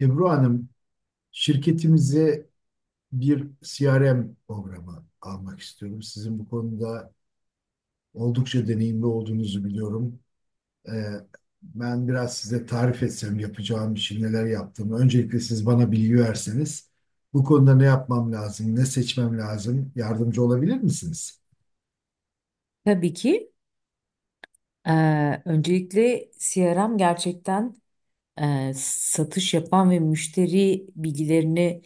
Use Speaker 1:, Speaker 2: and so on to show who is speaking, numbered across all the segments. Speaker 1: Ebru Hanım, şirketimize bir CRM programı almak istiyorum. Sizin bu konuda oldukça deneyimli olduğunuzu biliyorum. Ee, ben biraz size tarif etsem yapacağım işi, neler yaptığımı. Öncelikle siz bana bilgi verseniz, bu konuda ne yapmam lazım, ne seçmem lazım, yardımcı olabilir misiniz?
Speaker 2: Tabii ki. Öncelikle CRM gerçekten satış yapan ve müşteri bilgilerini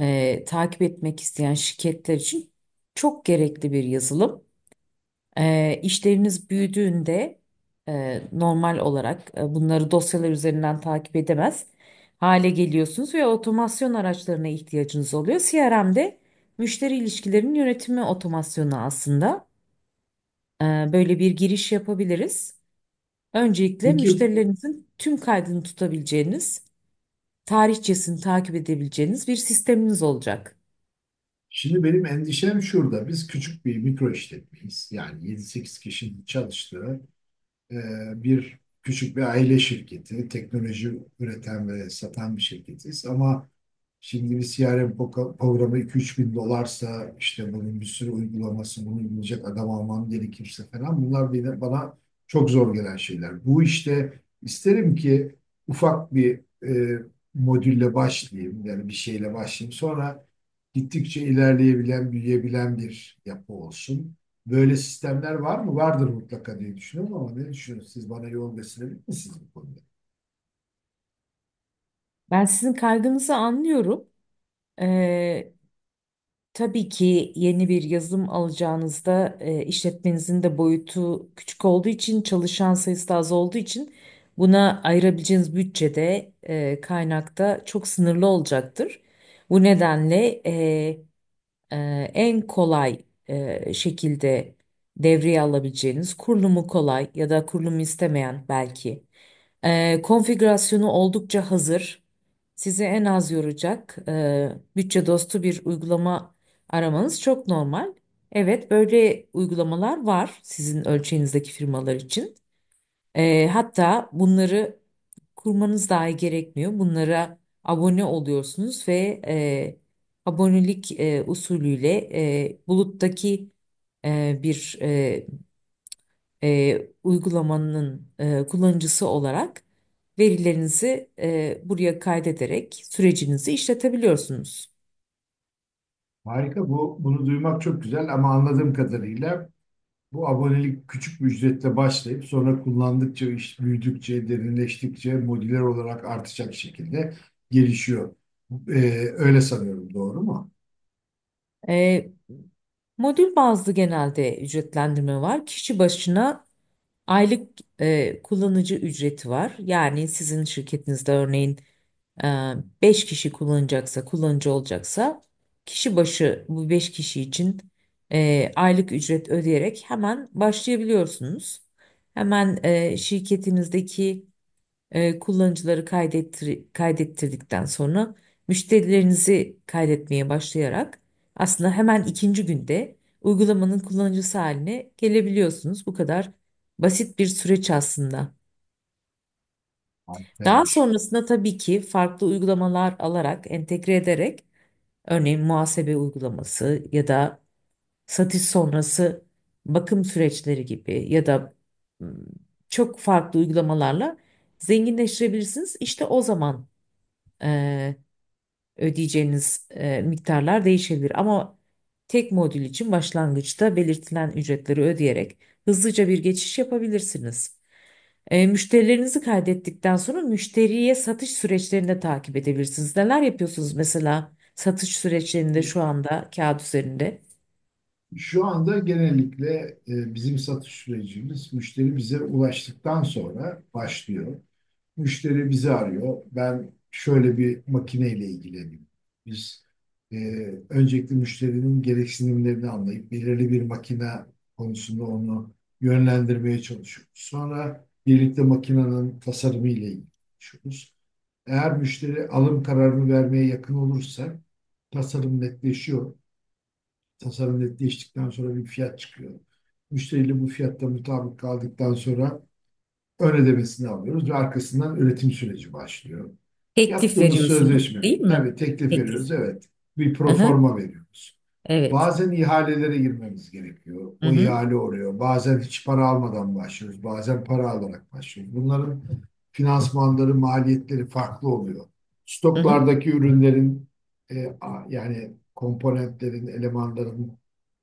Speaker 2: takip etmek isteyen şirketler için çok gerekli bir yazılım. İşleriniz büyüdüğünde normal olarak bunları dosyalar üzerinden takip edemez hale geliyorsunuz ve otomasyon araçlarına ihtiyacınız oluyor. CRM'de müşteri ilişkilerinin yönetimi otomasyonu aslında. Böyle bir giriş yapabiliriz. Öncelikle
Speaker 1: Peki,
Speaker 2: müşterilerinizin tüm kaydını tutabileceğiniz, tarihçesini takip edebileceğiniz bir sisteminiz olacak.
Speaker 1: şimdi benim endişem şurada. Biz küçük bir mikro işletmeyiz. Yani yedi sekiz kişinin çalıştığı e, bir küçük bir aile şirketi, teknoloji üreten ve satan bir şirketiz. Ama şimdi bir CRM programı 2-3 bin dolarsa işte bunun bir sürü uygulaması, bunu uygulayacak adam almam gerekirse falan bunlar bile bana çok zor gelen şeyler. Bu işte isterim ki ufak bir modülle başlayayım yani bir şeyle başlayayım. Sonra gittikçe ilerleyebilen, büyüyebilen bir yapı olsun. Böyle sistemler var mı? Vardır mutlaka diye düşünüyorum ama ne düşünüyorsunuz? Siz bana yol gösterebilir misiniz bu konuda?
Speaker 2: Ben sizin kaygınızı anlıyorum. Ee, tabii ki yeni bir yazılım alacağınızda işletmenizin de boyutu küçük olduğu için, çalışan sayısı da az olduğu için buna ayırabileceğiniz bütçede, kaynakta çok sınırlı olacaktır. Bu nedenle en kolay şekilde devreye alabileceğiniz kurulumu kolay ya da kurulumu istemeyen belki. Konfigürasyonu oldukça hazır. Sizi en az yoracak bütçe dostu bir uygulama aramanız çok normal. Evet, böyle uygulamalar var sizin ölçeğinizdeki firmalar için. Hatta bunları kurmanız dahi gerekmiyor. Bunlara abone oluyorsunuz ve abonelik usulüyle buluttaki bir uygulamanın kullanıcısı olarak verilerinizi buraya kaydederek sürecinizi işletebiliyorsunuz.
Speaker 1: Harika bu. Bunu duymak çok güzel ama anladığım kadarıyla bu abonelik küçük bir ücretle başlayıp sonra kullandıkça, iş büyüdükçe, derinleştikçe modüler olarak artacak şekilde gelişiyor. Ee, öyle sanıyorum. Doğru mu?
Speaker 2: Modül bazlı genelde ücretlendirme var. Kişi başına aylık kullanıcı ücreti var. Yani sizin şirketinizde örneğin e, 5 kişi kullanacaksa, kullanıcı olacaksa kişi başı bu 5 kişi için aylık ücret ödeyerek hemen başlayabiliyorsunuz. Hemen şirketinizdeki kullanıcıları kaydettirdikten sonra müşterilerinizi kaydetmeye başlayarak aslında hemen ikinci günde uygulamanın kullanıcısı haline gelebiliyorsunuz. Bu kadar basit bir süreç aslında. Daha
Speaker 1: Harikaymış.
Speaker 2: sonrasında tabii ki farklı uygulamalar alarak, entegre ederek örneğin muhasebe uygulaması ya da satış sonrası bakım süreçleri gibi ya da ım, çok farklı uygulamalarla zenginleştirebilirsiniz. İşte o zaman e, ödeyeceğiniz miktarlar değişebilir. Ama tek modül için başlangıçta belirtilen ücretleri ödeyerek hızlıca bir geçiş yapabilirsiniz. Müşterilerinizi kaydettikten sonra müşteriye satış süreçlerini de takip edebilirsiniz. Neler yapıyorsunuz mesela satış süreçlerinde şu anda kağıt üzerinde?
Speaker 1: Şu anda genellikle bizim satış sürecimiz müşteri bize ulaştıktan sonra başlıyor. Müşteri bizi arıyor. Ben şöyle bir makineyle ilgileniyorum. Biz e, öncelikle müşterinin gereksinimlerini anlayıp belirli bir makine konusunda onu yönlendirmeye çalışıyoruz. Sonra birlikte makinenin tasarımı ile ilgileniyoruz. Eğer müşteri alım kararını vermeye yakın olursa tasarım netleşiyor. Tasarım netleştikten sonra bir fiyat çıkıyor. Müşteriyle bu fiyatta mutabık kaldıktan sonra ön ödemesini alıyoruz ve arkasından üretim süreci başlıyor.
Speaker 2: Teklif
Speaker 1: Yaptığımız
Speaker 2: veriyorsunuz,
Speaker 1: sözleşme,
Speaker 2: değil mi?
Speaker 1: tabii teklif
Speaker 2: Teklif.
Speaker 1: veriyoruz, evet. Bir
Speaker 2: Aha,
Speaker 1: proforma veriyoruz.
Speaker 2: evet.
Speaker 1: Bazen ihalelere girmemiz gerekiyor.
Speaker 2: Hı
Speaker 1: O
Speaker 2: hı.
Speaker 1: ihale oluyor. Bazen hiç para almadan başlıyoruz. Bazen para alarak başlıyoruz. Bunların finansmanları, maliyetleri farklı oluyor.
Speaker 2: Hı hı.
Speaker 1: Stoklardaki ürünlerin e, yani komponentlerin, elemanların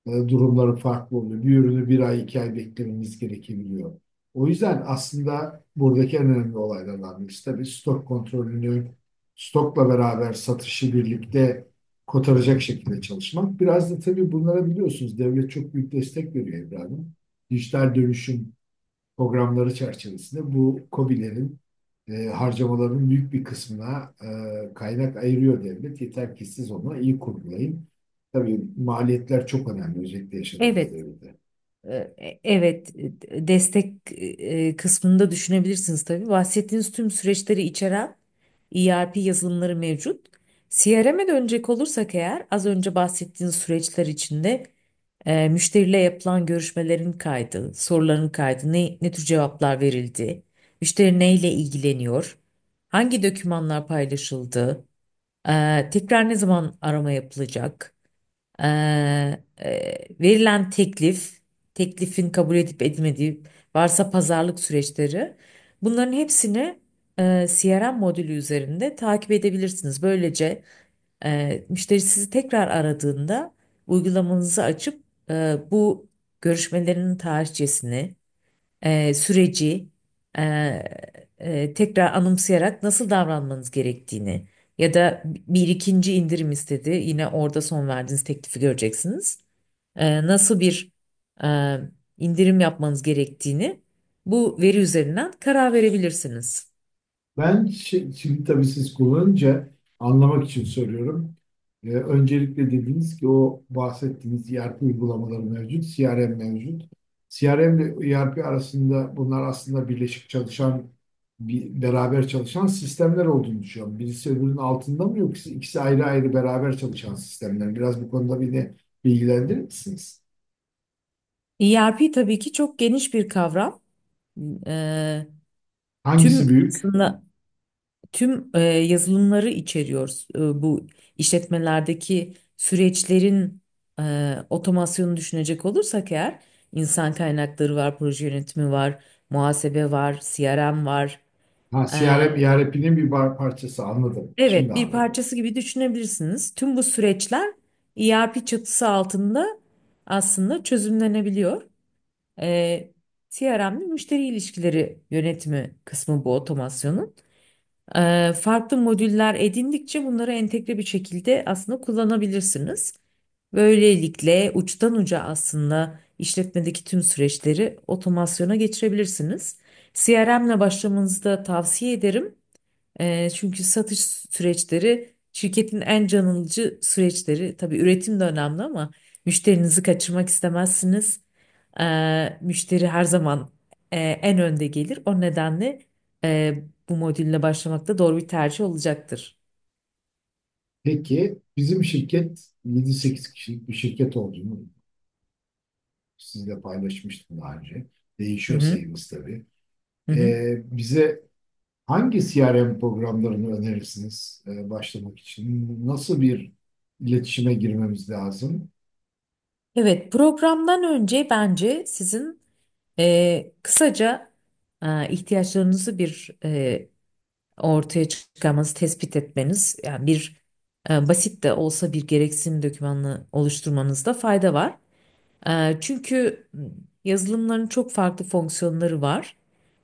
Speaker 1: durumları farklı oluyor. Bir ürünü bir ay, 2 ay beklememiz gerekebiliyor. O yüzden aslında buradaki en önemli olaylardan birisi tabii stok kontrolünü, stokla beraber satışı birlikte kotaracak şekilde çalışmak. Biraz da tabii bunlara biliyorsunuz devlet çok büyük destek veriyor evladım. Dijital dönüşüm programları çerçevesinde bu KOBİ'lerin harcamaların büyük bir kısmına kaynak ayırıyor devlet. Yeter ki siz onu iyi kurgulayın. Tabii maliyetler çok önemli özellikle yaşadığımız
Speaker 2: Evet.
Speaker 1: devirde.
Speaker 2: Evet, destek kısmında düşünebilirsiniz tabii. Bahsettiğiniz tüm süreçleri içeren ERP yazılımları mevcut. CRM'e dönecek olursak eğer az önce bahsettiğiniz süreçler içinde müşteriyle yapılan görüşmelerin kaydı, soruların kaydı, ne tür cevaplar verildi, müşteri neyle ilgileniyor, hangi dokümanlar paylaşıldı, tekrar ne zaman arama yapılacak, ee, verilen teklif, teklifin kabul edip edilmediği, varsa pazarlık süreçleri, bunların hepsini CRM modülü üzerinde takip edebilirsiniz. Böylece müşteri sizi tekrar aradığında uygulamanızı açıp bu görüşmelerin tarihçesini, süreci e, tekrar anımsayarak nasıl davranmanız gerektiğini ya da bir ikinci indirim istedi. Yine orada son verdiğiniz teklifi göreceksiniz. Nasıl bir e, indirim yapmanız gerektiğini bu veri üzerinden karar verebilirsiniz.
Speaker 1: Ben şimdi tabii siz kullanınca anlamak için soruyorum. Öncelikle dediniz ki o bahsettiğiniz ERP uygulamaları mevcut, CRM mevcut. CRM ile ERP arasında bunlar aslında birleşik çalışan, beraber çalışan sistemler olduğunu düşünüyorum. Birisi öbürünün altında mı yoksa ikisi ayrı ayrı beraber çalışan sistemler? Biraz bu konuda beni bilgilendirir misiniz?
Speaker 2: ERP tabii ki çok geniş bir kavram. E,
Speaker 1: Hangisi
Speaker 2: tüm
Speaker 1: büyük?
Speaker 2: aslında Tüm yazılımları içeriyoruz. Bu işletmelerdeki süreçlerin otomasyonunu düşünecek olursak eğer insan kaynakları var, proje yönetimi var, muhasebe var, CRM var.
Speaker 1: Ha,
Speaker 2: E,
Speaker 1: CRM ERP'nin bir parçası anladım. Şimdi
Speaker 2: evet, bir
Speaker 1: anladım.
Speaker 2: parçası gibi düşünebilirsiniz. Tüm bu süreçler ERP çatısı altında aslında çözümlenebiliyor. E, CRM'li müşteri ilişkileri yönetimi kısmı bu otomasyonun. Farklı modüller edindikçe bunları entegre bir şekilde aslında kullanabilirsiniz. Böylelikle uçtan uca aslında işletmedeki tüm süreçleri otomasyona geçirebilirsiniz. CRM ile başlamanızı da tavsiye ederim. Çünkü satış süreçleri şirketin en canlıcı süreçleri. Tabii üretim de önemli ama müşterinizi kaçırmak istemezsiniz. Müşteri her zaman en önde gelir. O nedenle bu modülle başlamak da doğru bir tercih olacaktır.
Speaker 1: Peki bizim şirket yedi sekiz kişilik bir şirket olduğunu sizinle paylaşmıştım daha önce.
Speaker 2: Hı
Speaker 1: Değişiyor
Speaker 2: hı,
Speaker 1: sayımız tabii.
Speaker 2: hı hı.
Speaker 1: Bize hangi CRM programlarını önerirsiniz başlamak için? Nasıl bir iletişime girmemiz lazım?
Speaker 2: Evet, programdan önce bence sizin kısaca ihtiyaçlarınızı bir ortaya çıkarmanız, tespit etmeniz, yani bir basit de olsa bir gereksinim dokümanını oluşturmanızda fayda var. Çünkü yazılımların çok farklı fonksiyonları var.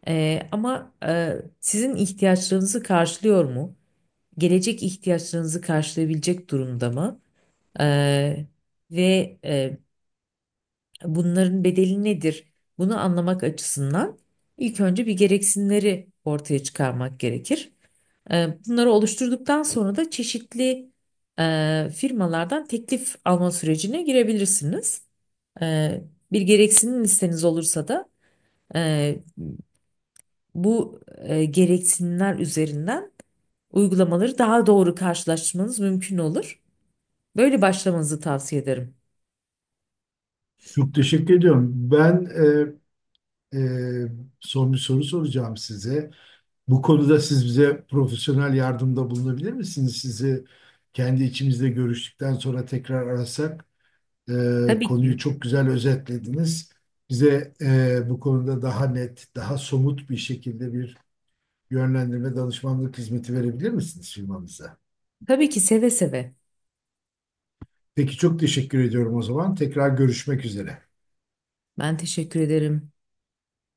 Speaker 2: Ama sizin ihtiyaçlarınızı karşılıyor mu? Gelecek ihtiyaçlarınızı karşılayabilecek durumda mı? E, Ve bunların bedeli nedir? Bunu anlamak açısından ilk önce bir gereksinimleri ortaya çıkarmak gerekir. Bunları oluşturduktan sonra da çeşitli firmalardan teklif alma sürecine girebilirsiniz. E, Bir gereksinim listeniz olursa da e, bu gereksinimler üzerinden uygulamaları daha doğru karşılaştırmanız mümkün olur. Böyle başlamanızı tavsiye ederim.
Speaker 1: Çok teşekkür ediyorum. Ben e, e, son bir soru soracağım size. Bu konuda siz bize profesyonel yardımda bulunabilir misiniz? Sizi kendi içimizde görüştükten sonra tekrar arasak. E,
Speaker 2: Tabii
Speaker 1: konuyu
Speaker 2: ki.
Speaker 1: çok güzel özetlediniz. Bize bu konuda daha net, daha somut bir şekilde bir yönlendirme, danışmanlık hizmeti verebilir misiniz firmanıza?
Speaker 2: Tabii ki seve seve.
Speaker 1: Peki çok teşekkür ediyorum o zaman. Tekrar görüşmek üzere.
Speaker 2: Ben teşekkür ederim.